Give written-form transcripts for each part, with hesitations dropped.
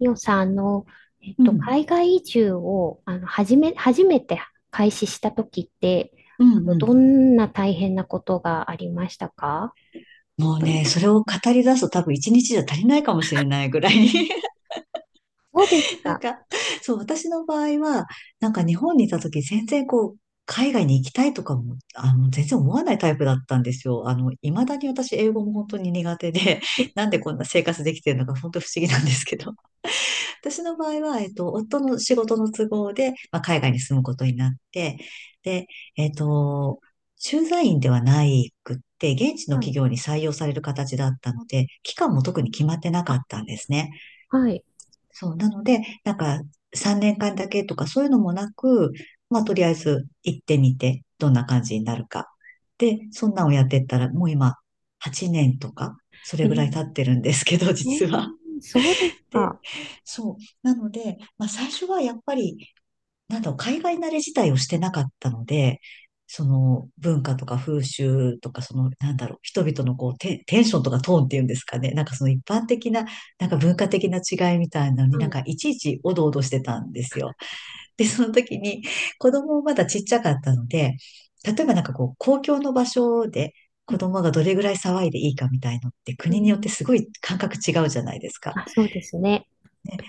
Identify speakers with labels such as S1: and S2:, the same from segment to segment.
S1: ミオさん、
S2: うん。
S1: 海外移住を、初めて開始した時って、
S2: うんう
S1: ど
S2: ん。
S1: んな大変なことがありましたか？
S2: もうね、それを語り出すと多分一日じゃ足りないかもしれないぐらいに
S1: そうです
S2: なん
S1: か。
S2: か、そう、私の場合は、なんか日本にいた時全然こう、海外に行きたいとかも、全然思わないタイプだったんですよ。未だに私英語も本当に苦手で、
S1: うん。
S2: なんでこんな生活できてるのか本当不思議なんですけど。私の場合は、夫の仕事の都合で、まあ、海外に住むことになって、で、えっと、駐在員ではないくって、現地の
S1: は
S2: 企
S1: い。
S2: 業に採用される形だったので、期間も特に決まってなかったんですね。
S1: はい。
S2: そう、なので、なんか、3年間だけとかそういうのもなく、まあ、とりあえず行ってみて、どんな感じになるか。で、そんなんをやってったら、もう今、8年とか、そ
S1: え
S2: れぐら
S1: ー、
S2: い経ってるんですけど、
S1: え
S2: 実は。
S1: ーそうです
S2: で、
S1: か。
S2: そう。なので、まあ最初はやっぱり、なんだろう、海外慣れ自体をしてなかったので、その文化とか風習とか、その、なんだろう、人々のこうテンションとかトーンっていうんですかね。なんかその一般的な、なんか文化的な違いみたいなのに
S1: は
S2: なん
S1: い。
S2: かいちいちおどおどしてたんですよ。で、その時に子供もまだちっちゃかったので、例えばなんかこう、公共の場所で
S1: う
S2: 子
S1: ん
S2: 供がどれぐらい騒いでいいかみたいのって
S1: う
S2: 国によ
S1: ん。
S2: ってすごい感覚違うじゃないですか。
S1: あ、そうですね。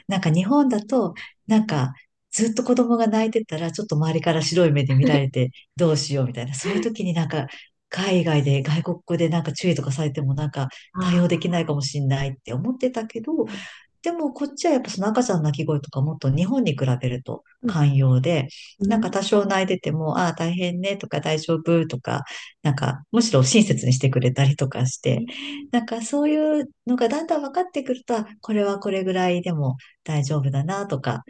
S2: なんか日本だと、なんかずっと子供が泣いてたら、ちょっと周りから白い目で見られ てどうしようみたいな、そういう時になんか海外で外国語でなんか注意とかされてもなんか対応
S1: あ
S2: できないかもしれないって思ってたけど、
S1: ー、う
S2: でもこっちはやっぱその赤ちゃんの泣き声とかもっと日本に比べると
S1: ん、
S2: 寛容で、
S1: う
S2: なんか
S1: ん。
S2: 多少泣いてても、ああ大変ねとか大丈夫とか、なんかむしろ親切にしてくれたりとかし
S1: え
S2: て、
S1: ー、
S2: なんかそういうのがだんだん分かってくると、あこれはこれぐらいでも大丈夫だなとか、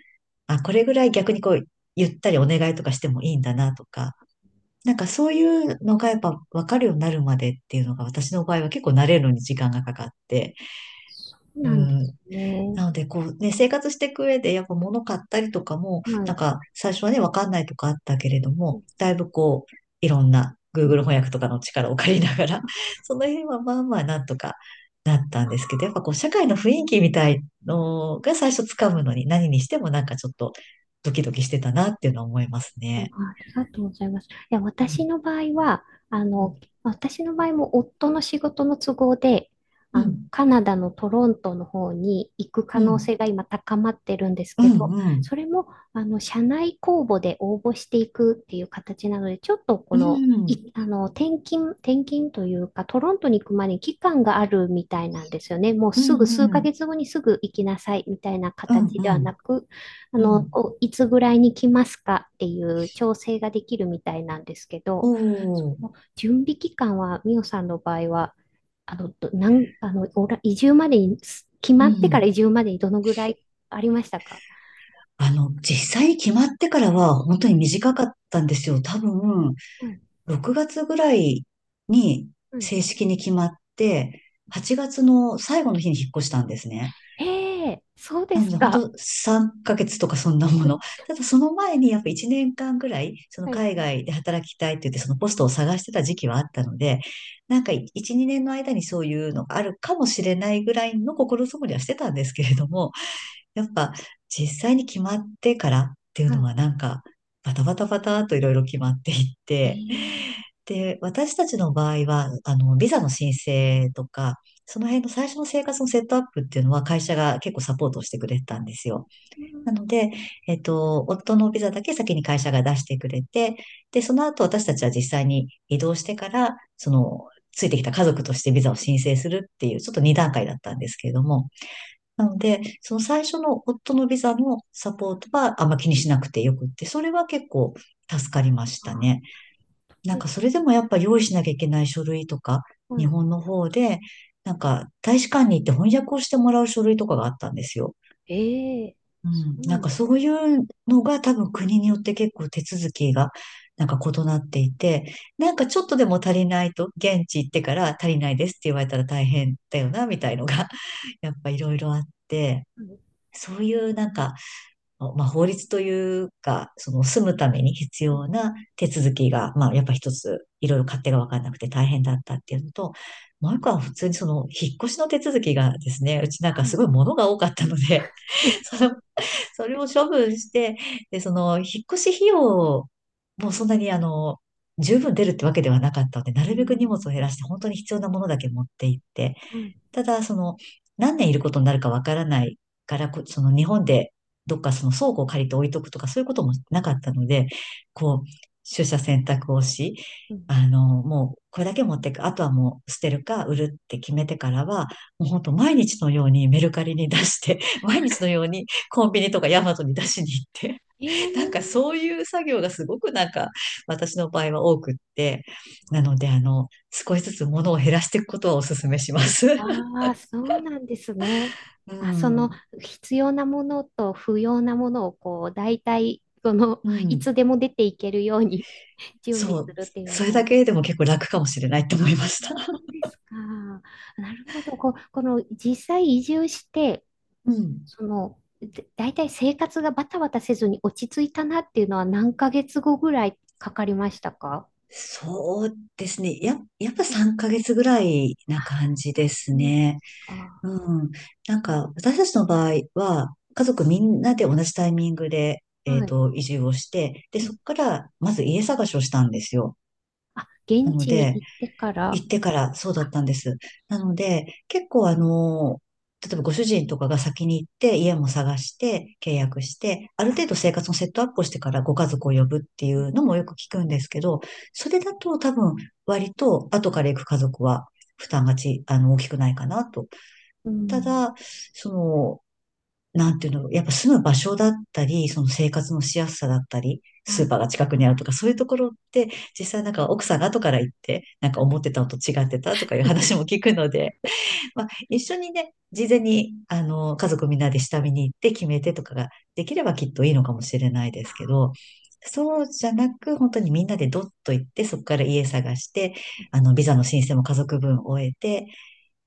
S2: あ、これぐらい逆にこうゆったりお願いとかしてもいいんだなとか、なんかそういうのがやっぱ分かるようになるまでっていうのが私の場合は結構慣れるのに時間がかかって、
S1: そう
S2: う
S1: なんで
S2: ん、
S1: すね。
S2: なので、こうね、生活していく上で、やっぱ物買ったりとかも、
S1: まあ、
S2: なん
S1: う
S2: か最初はね、わかんないとかあったけれども、
S1: ん
S2: だいぶこう、いろんな Google 翻訳とかの力を借りながら、その辺はまあまあなんとかなったんですけど、やっぱこう、社会の雰囲気みたいのが最初つかむのに、何にしてもなんかちょっとドキドキしてたなっていうのは思います
S1: うん、
S2: ね。
S1: ありがとうございます。いや、
S2: うん
S1: あ
S2: う
S1: の、
S2: ん、
S1: 私の場合も夫の仕事の都合で、
S2: うん、
S1: カナダのトロントの方に行く可
S2: う
S1: 能
S2: ん、
S1: 性が今高まってるんです
S2: う
S1: け
S2: ん、
S1: ど、
S2: うん、
S1: それも、社内公募で応募していくっていう形なので、ちょっとこ
S2: う
S1: の、
S2: ん、
S1: い、あの、転勤、転勤というか、トロントに行くまでに期間があるみたいなんですよね。もう
S2: うん、
S1: すぐ数
S2: う
S1: ヶ
S2: ん、
S1: 月後にすぐ行きなさいみたいな
S2: う
S1: 形ではな
S2: ん、
S1: く、
S2: うん、
S1: こういつぐらいに来ますかっていう調整ができるみたいなんですけ
S2: お
S1: ど、そ
S2: ー、
S1: の準備期間は、ミオさんの場合は、あの、どなん、あの、おら移住までに、す決
S2: う
S1: まってから
S2: ん。
S1: 移住までにどのぐらいありましたか？
S2: 実際に決まってからは本当
S1: は
S2: に
S1: い
S2: 短かったんですよ。多分、
S1: はい
S2: 6月ぐらいに
S1: はい。
S2: 正式に決まって、8月の最後の日に引っ越したんですね。
S1: ええ、そうで
S2: なの
S1: す
S2: で、本
S1: か。
S2: 当3ヶ月とかそんなもの。ただその前にやっぱ1年間ぐらい、その
S1: はい、
S2: 海外で働きたいって言って、そのポストを探してた時期はあったので、なんか1、2年の間にそういうのがあるかもしれないぐらいの心づもりはしてたんですけれども、やっぱ実際に決まってからっていう
S1: は
S2: の
S1: い。
S2: はなんかバタバタバタといろいろ決まっていっ
S1: ええ。
S2: て、で、私たちの場合は、ビザの申請とか、その辺の最初の生活のセットアップっていうのは会社が結構サポートをしてくれてたんですよ。
S1: う
S2: な
S1: ん。
S2: ので、夫のビザだけ先に会社が出してくれて、で、その後私たちは実際に移動してから、その、ついてきた家族としてビザを申請するっていう、ちょっと2段階だったんですけれども、なので、その最初の夫のビザのサポートはあんま気にしなくてよくって、それは結構助かりましたね。
S1: あ、
S2: なん
S1: で
S2: か
S1: す。
S2: それでもやっぱ用意しなきゃいけない書類とか、
S1: は
S2: 日
S1: い。
S2: 本の方で、なんか大使館に行って翻訳をしてもらう書類とかがあったんですよ。
S1: ええ、
S2: う
S1: そ
S2: ん。
S1: うな
S2: なん
S1: ん
S2: か
S1: です。
S2: そういうのが多分国によって結構手続きがなんか異なっていて、なんかちょっとでも足りないと、現地行ってから足りないですって言われたら大変だよな、みたいのが、やっぱいろいろあって、
S1: はい。
S2: そういうなんか、まあ、法律というか、その住むために必要
S1: ん、
S2: な手続きが、まあ、やっぱ一つ、いろいろ勝手が分からなくて大変だったっていうのと、もう一個は普通にその引っ越しの手続きがですね、うちなん
S1: は
S2: かす
S1: い。
S2: ごい物が多かったので、その、それを処分して、で、その引っ越し費用もそんなに十分出るってわけではなかったので、な
S1: うー
S2: るべく荷物を減ら
S1: ん。
S2: して本当に必要なものだけ持って行って、
S1: はい。
S2: ただ、その、何年いることになるかわからないから、その日本でどっかその倉庫を借りて置いとくとか、そういうこともなかったので、こう、取捨選択をし、
S1: うん。
S2: もう、これだけ持っていく。あとはもう捨てるか売るって決めてからは、もう本当毎日のようにメルカリに出して、毎日のようにコンビニとかヤマトに出しに行って、
S1: え
S2: なんか
S1: え。
S2: そういう作業がすごくなんか私の場合は多くって、なので少しずつ物を減らしていくことはお勧めします。
S1: ああ、そうなんですね。
S2: う
S1: あ、その
S2: ん。
S1: 必要なものと不要なものをこう、大体、その、
S2: う
S1: い
S2: ん。
S1: つでも出ていけるように 準備
S2: そ
S1: す
S2: う。
S1: るっていうの
S2: それ
S1: が
S2: だ
S1: 大事。
S2: けでも結構楽かもしれないと思いました。
S1: あ、そう ですか。なるほど。こう、この実際移住して、
S2: うん。
S1: その、で大体生活がバタバタせずに落ち着いたなっていうのは何ヶ月後ぐらいかかりましたか？
S2: そうですね。やっぱ3ヶ月ぐらいな感じで
S1: あ、そ
S2: す
S1: うで
S2: ね。
S1: すか。
S2: うん。なんか、私たちの場合は、家族みんなで同じタイミングで、
S1: はい。
S2: 移住をして、で、
S1: う
S2: そ
S1: ん。
S2: こから、まず家探しをしたんですよ。
S1: あ、
S2: な
S1: 現
S2: の
S1: 地に
S2: で、
S1: 行ってから、
S2: 行ってからそうだったんです。なので、結構例えばご主人とかが先に行って家も探して契約して、ある程度生活のセットアップをしてからご家族を呼ぶっていうのもよく聞くんですけど、それだと多分割と後から行く家族は負担がち、あの、大きくないかなと。
S1: う
S2: た
S1: ん。
S2: だ、その、なんていうの、やっぱ住む場所だったり、その生活のしやすさだったり、スー
S1: あ、
S2: パーが近くにあるとか、そういうところって、実際なんか奥さんが後から行って、なんか思ってたのと違ってたとかいう話も聞くので、まあ一緒にね、事前に、家族みんなで下見に行って決めてとかができればきっといいのかもしれないですけど、そうじゃなく、本当にみんなでドッと行って、そこから家探して、ビザの申請も家族分終えて、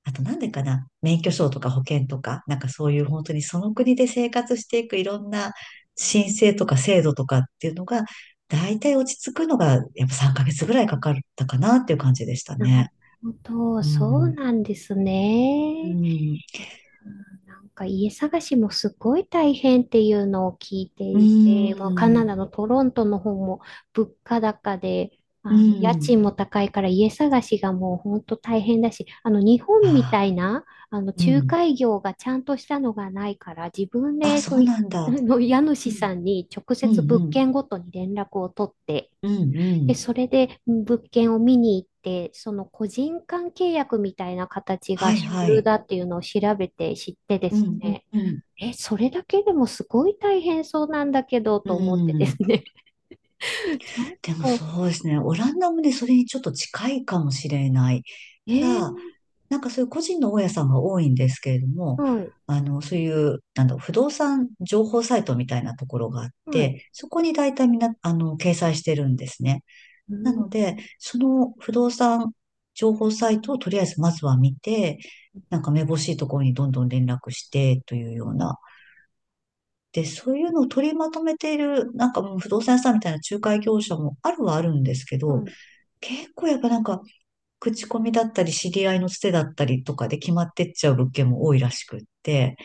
S2: あとなんでかな、免許証とか保険とか、なんかそういう本当にその国で生活していくいろんな申請とか制度とかっていうのが、大体落ち着くのがやっぱ3ヶ月ぐらいかかったかなっていう感じでした
S1: なる
S2: ね。
S1: ほど。
S2: う
S1: そう
S2: ん。
S1: なんです
S2: う
S1: ね。い
S2: ん。
S1: やー、なんか家探しもすごい大変っていうのを聞いて
S2: う
S1: いて、もうカナ
S2: ん。
S1: ダのトロントの方も物価高で、
S2: う
S1: あの家
S2: ん。
S1: 賃も高いから家探しがもう本当大変だし、あの日
S2: あ
S1: 本みた
S2: あ、
S1: いな、あの
S2: う
S1: 仲
S2: ん。
S1: 介業がちゃんとしたのがないから、自分
S2: あ、
S1: で
S2: そ
S1: そう
S2: う
S1: い
S2: なん だ。
S1: の家
S2: う
S1: 主さ
S2: ん。
S1: んに直
S2: うん。
S1: 接物
S2: うん。
S1: 件ごとに連絡を取って、
S2: うん。う
S1: で、
S2: ん
S1: それで物件を見に行って、その個人間契約みたいな形
S2: は
S1: が
S2: い
S1: 主
S2: は
S1: 流
S2: い。
S1: だっていうのを調べて知ってで
S2: う
S1: す
S2: ん。
S1: ね、
S2: うん。
S1: え、それだけでもすごい大変そうなんだけど
S2: う
S1: と思ってで
S2: ん。
S1: すね、ちょっ
S2: でも
S1: と、
S2: そうですね。オランダもね、それにちょっと近いかもしれない。
S1: え
S2: た
S1: ー、
S2: だ、なんかそういう個人の大家さんが多いんですけれども、
S1: はい、
S2: そういう、なんだろう、不動産情報サイトみたいなところがあっ
S1: はい、
S2: て、そこに大体みんな、掲載してるんですね。
S1: う
S2: な
S1: ん、
S2: ので、その不動産情報サイトをとりあえずまずは見て、なんかめぼしいところにどんどん連絡してというような。で、そういうのを取りまとめている、なんかもう不動産屋さんみたいな仲介業者もあるはあるんですけど、
S1: は
S2: 結構やっぱなんか口コミだったり、知り合いのつてだったりとかで決まってっちゃう物件も多いらしくって、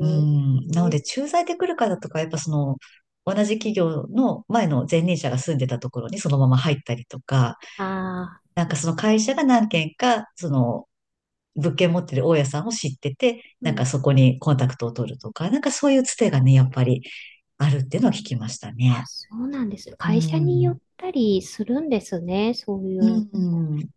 S2: うん、な
S1: え
S2: の
S1: ー、
S2: で、駐在で来る方とか、やっぱその、同じ企業の前の前任者が住んでたところにそのまま入ったりとか、
S1: あ
S2: なんかその会社が何軒か、物件持ってる大家さんを知ってて、
S1: ー、う
S2: なんか
S1: ん、
S2: そこにコンタクトを取るとか、なんかそういうつてがね、やっぱりあるっていうのは聞きました
S1: あ、
S2: ね。
S1: そうなんです。
S2: う
S1: 会社によ
S2: ん。
S1: ったりするんですね、そうい
S2: う
S1: うの
S2: ん。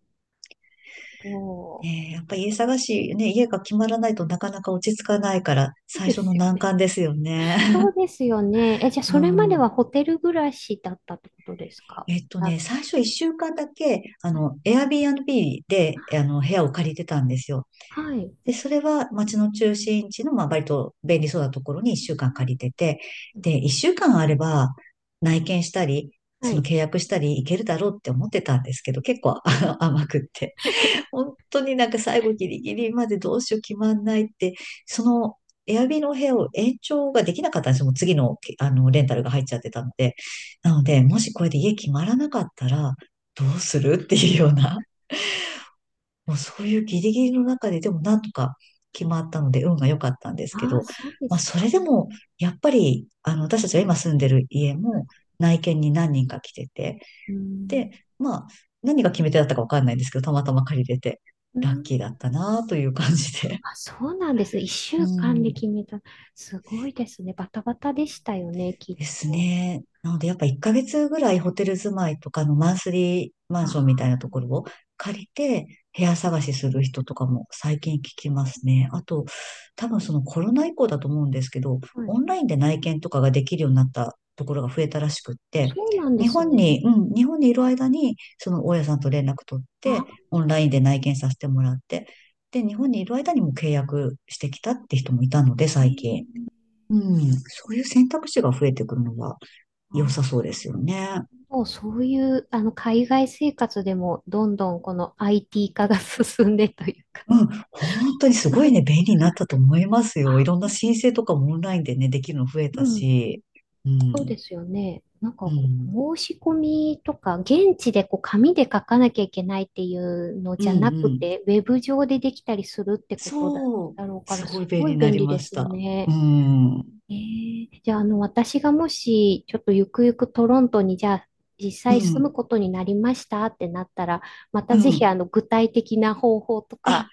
S1: と。そ
S2: ねえ、やっぱ家探し、ね、家が決まらないとなかなか落ち着かないから、
S1: う
S2: 最
S1: で
S2: 初の
S1: すよ
S2: 難
S1: ね。
S2: 関ですよね。
S1: そう ですよね。え、じゃあ、そ
S2: う
S1: れまで
S2: ん。
S1: はホテル暮らしだったってことですか？あ、
S2: 最初一週間だけ、Airbnb で、部屋を借りてたんですよ。
S1: はい。
S2: で、それは街の中心地の、まあ、割と便利そうなところに一
S1: う
S2: 週間借
S1: ん、
S2: りてて、で、一週間あれば、内見したり、
S1: は
S2: その
S1: い。
S2: 契約したり、いけるだろうって思ってたんですけど、結構 甘くって。本当になんか最後ギリギリまでどうしよう決まんないって、そのエアビの部屋を延長ができなかったんですよ。もう次の、あのレンタルが入っちゃってたので。なので、もしこれで家決まらなかったらどうするっていうような、もうそういうギリギリの中ででもなんとか決まったので運が良かったんですけ
S1: ああ、
S2: ど、
S1: そうで
S2: ま
S1: す
S2: あ
S1: か。
S2: それでもやっぱり私たちが今住んでる家
S1: はい。
S2: も内見に何人か来てて、
S1: う
S2: で、
S1: ん。
S2: まあ、何が決め手だったかわかんないんですけど、たまたま借りれて、
S1: う
S2: ラッ
S1: ん。
S2: キーだったなという感じで。
S1: あ、そうなんですね。一
S2: う
S1: 週間で
S2: ん。
S1: 決めた。すごいですね。バタバタでしたよね、きっ
S2: です
S1: と。
S2: ね。なので、やっぱ1ヶ月ぐらいホテル住まいとかのマンスリーマ
S1: あ
S2: ンションみたいなとこ
S1: ー、
S2: ろを借りて部屋探しする人とかも最近聞きますね。あと、多分そのコロナ以降だと思うんですけど、
S1: はい。
S2: オンラインで内見とかができるようになったところが増えたらしくって、
S1: そうなんで
S2: 日
S1: す
S2: 本
S1: ね。
S2: に、うん、日本にいる間に、その大家さんと連絡取っ
S1: あ、
S2: て、オンラインで内見させてもらって、で、日本にいる間にも契約してきたって人もいたので、
S1: え
S2: 最近。
S1: え、
S2: うん、そういう選択肢が増えてくるのは良
S1: あ、
S2: さそうですよね。
S1: もうそういう、海外生活でも、どんどんこの IT 化が 進んでというか。
S2: うん、本当にすごいね、便 利になったと思いますよ。いろん
S1: あ、
S2: な申請とかもオンラインでね、できるの増え
S1: う
S2: た
S1: ん。
S2: し。う
S1: そうで
S2: ん、
S1: すよね。なん
S2: う
S1: か、
S2: ん、
S1: 申し込みとか、現地でこう紙で書かなきゃいけないっていうの
S2: うん、
S1: じゃな
S2: う
S1: く
S2: ん。
S1: て、ウェブ上でできたりするってことだ、
S2: そう、
S1: だろうか
S2: す
S1: ら、
S2: ごい
S1: す
S2: 便
S1: ご
S2: 利
S1: い
S2: にな
S1: 便
S2: り
S1: 利
S2: ま
S1: で
S2: し
S1: す
S2: た。う
S1: ね。
S2: ん、う
S1: えー、じゃあ、私がもし、ちょっとゆくゆくトロントに、じゃあ、実
S2: ん、
S1: 際住むことになりましたってなったら、また
S2: う
S1: ぜひ、
S2: ん。
S1: 具体的な方法とか、
S2: あ、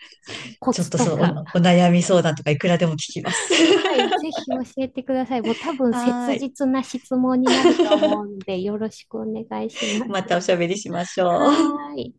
S1: コ
S2: ちょっ
S1: ツ
S2: と
S1: とか、
S2: お悩み相談とかいくらでも聞きます。
S1: はい、ぜひ教えてください。もう多 分
S2: は
S1: 切
S2: ーい。
S1: 実な質問になると思うん で、よろしくお願いしま
S2: ま
S1: す。
S2: たおしゃべりしましょう。
S1: はーい。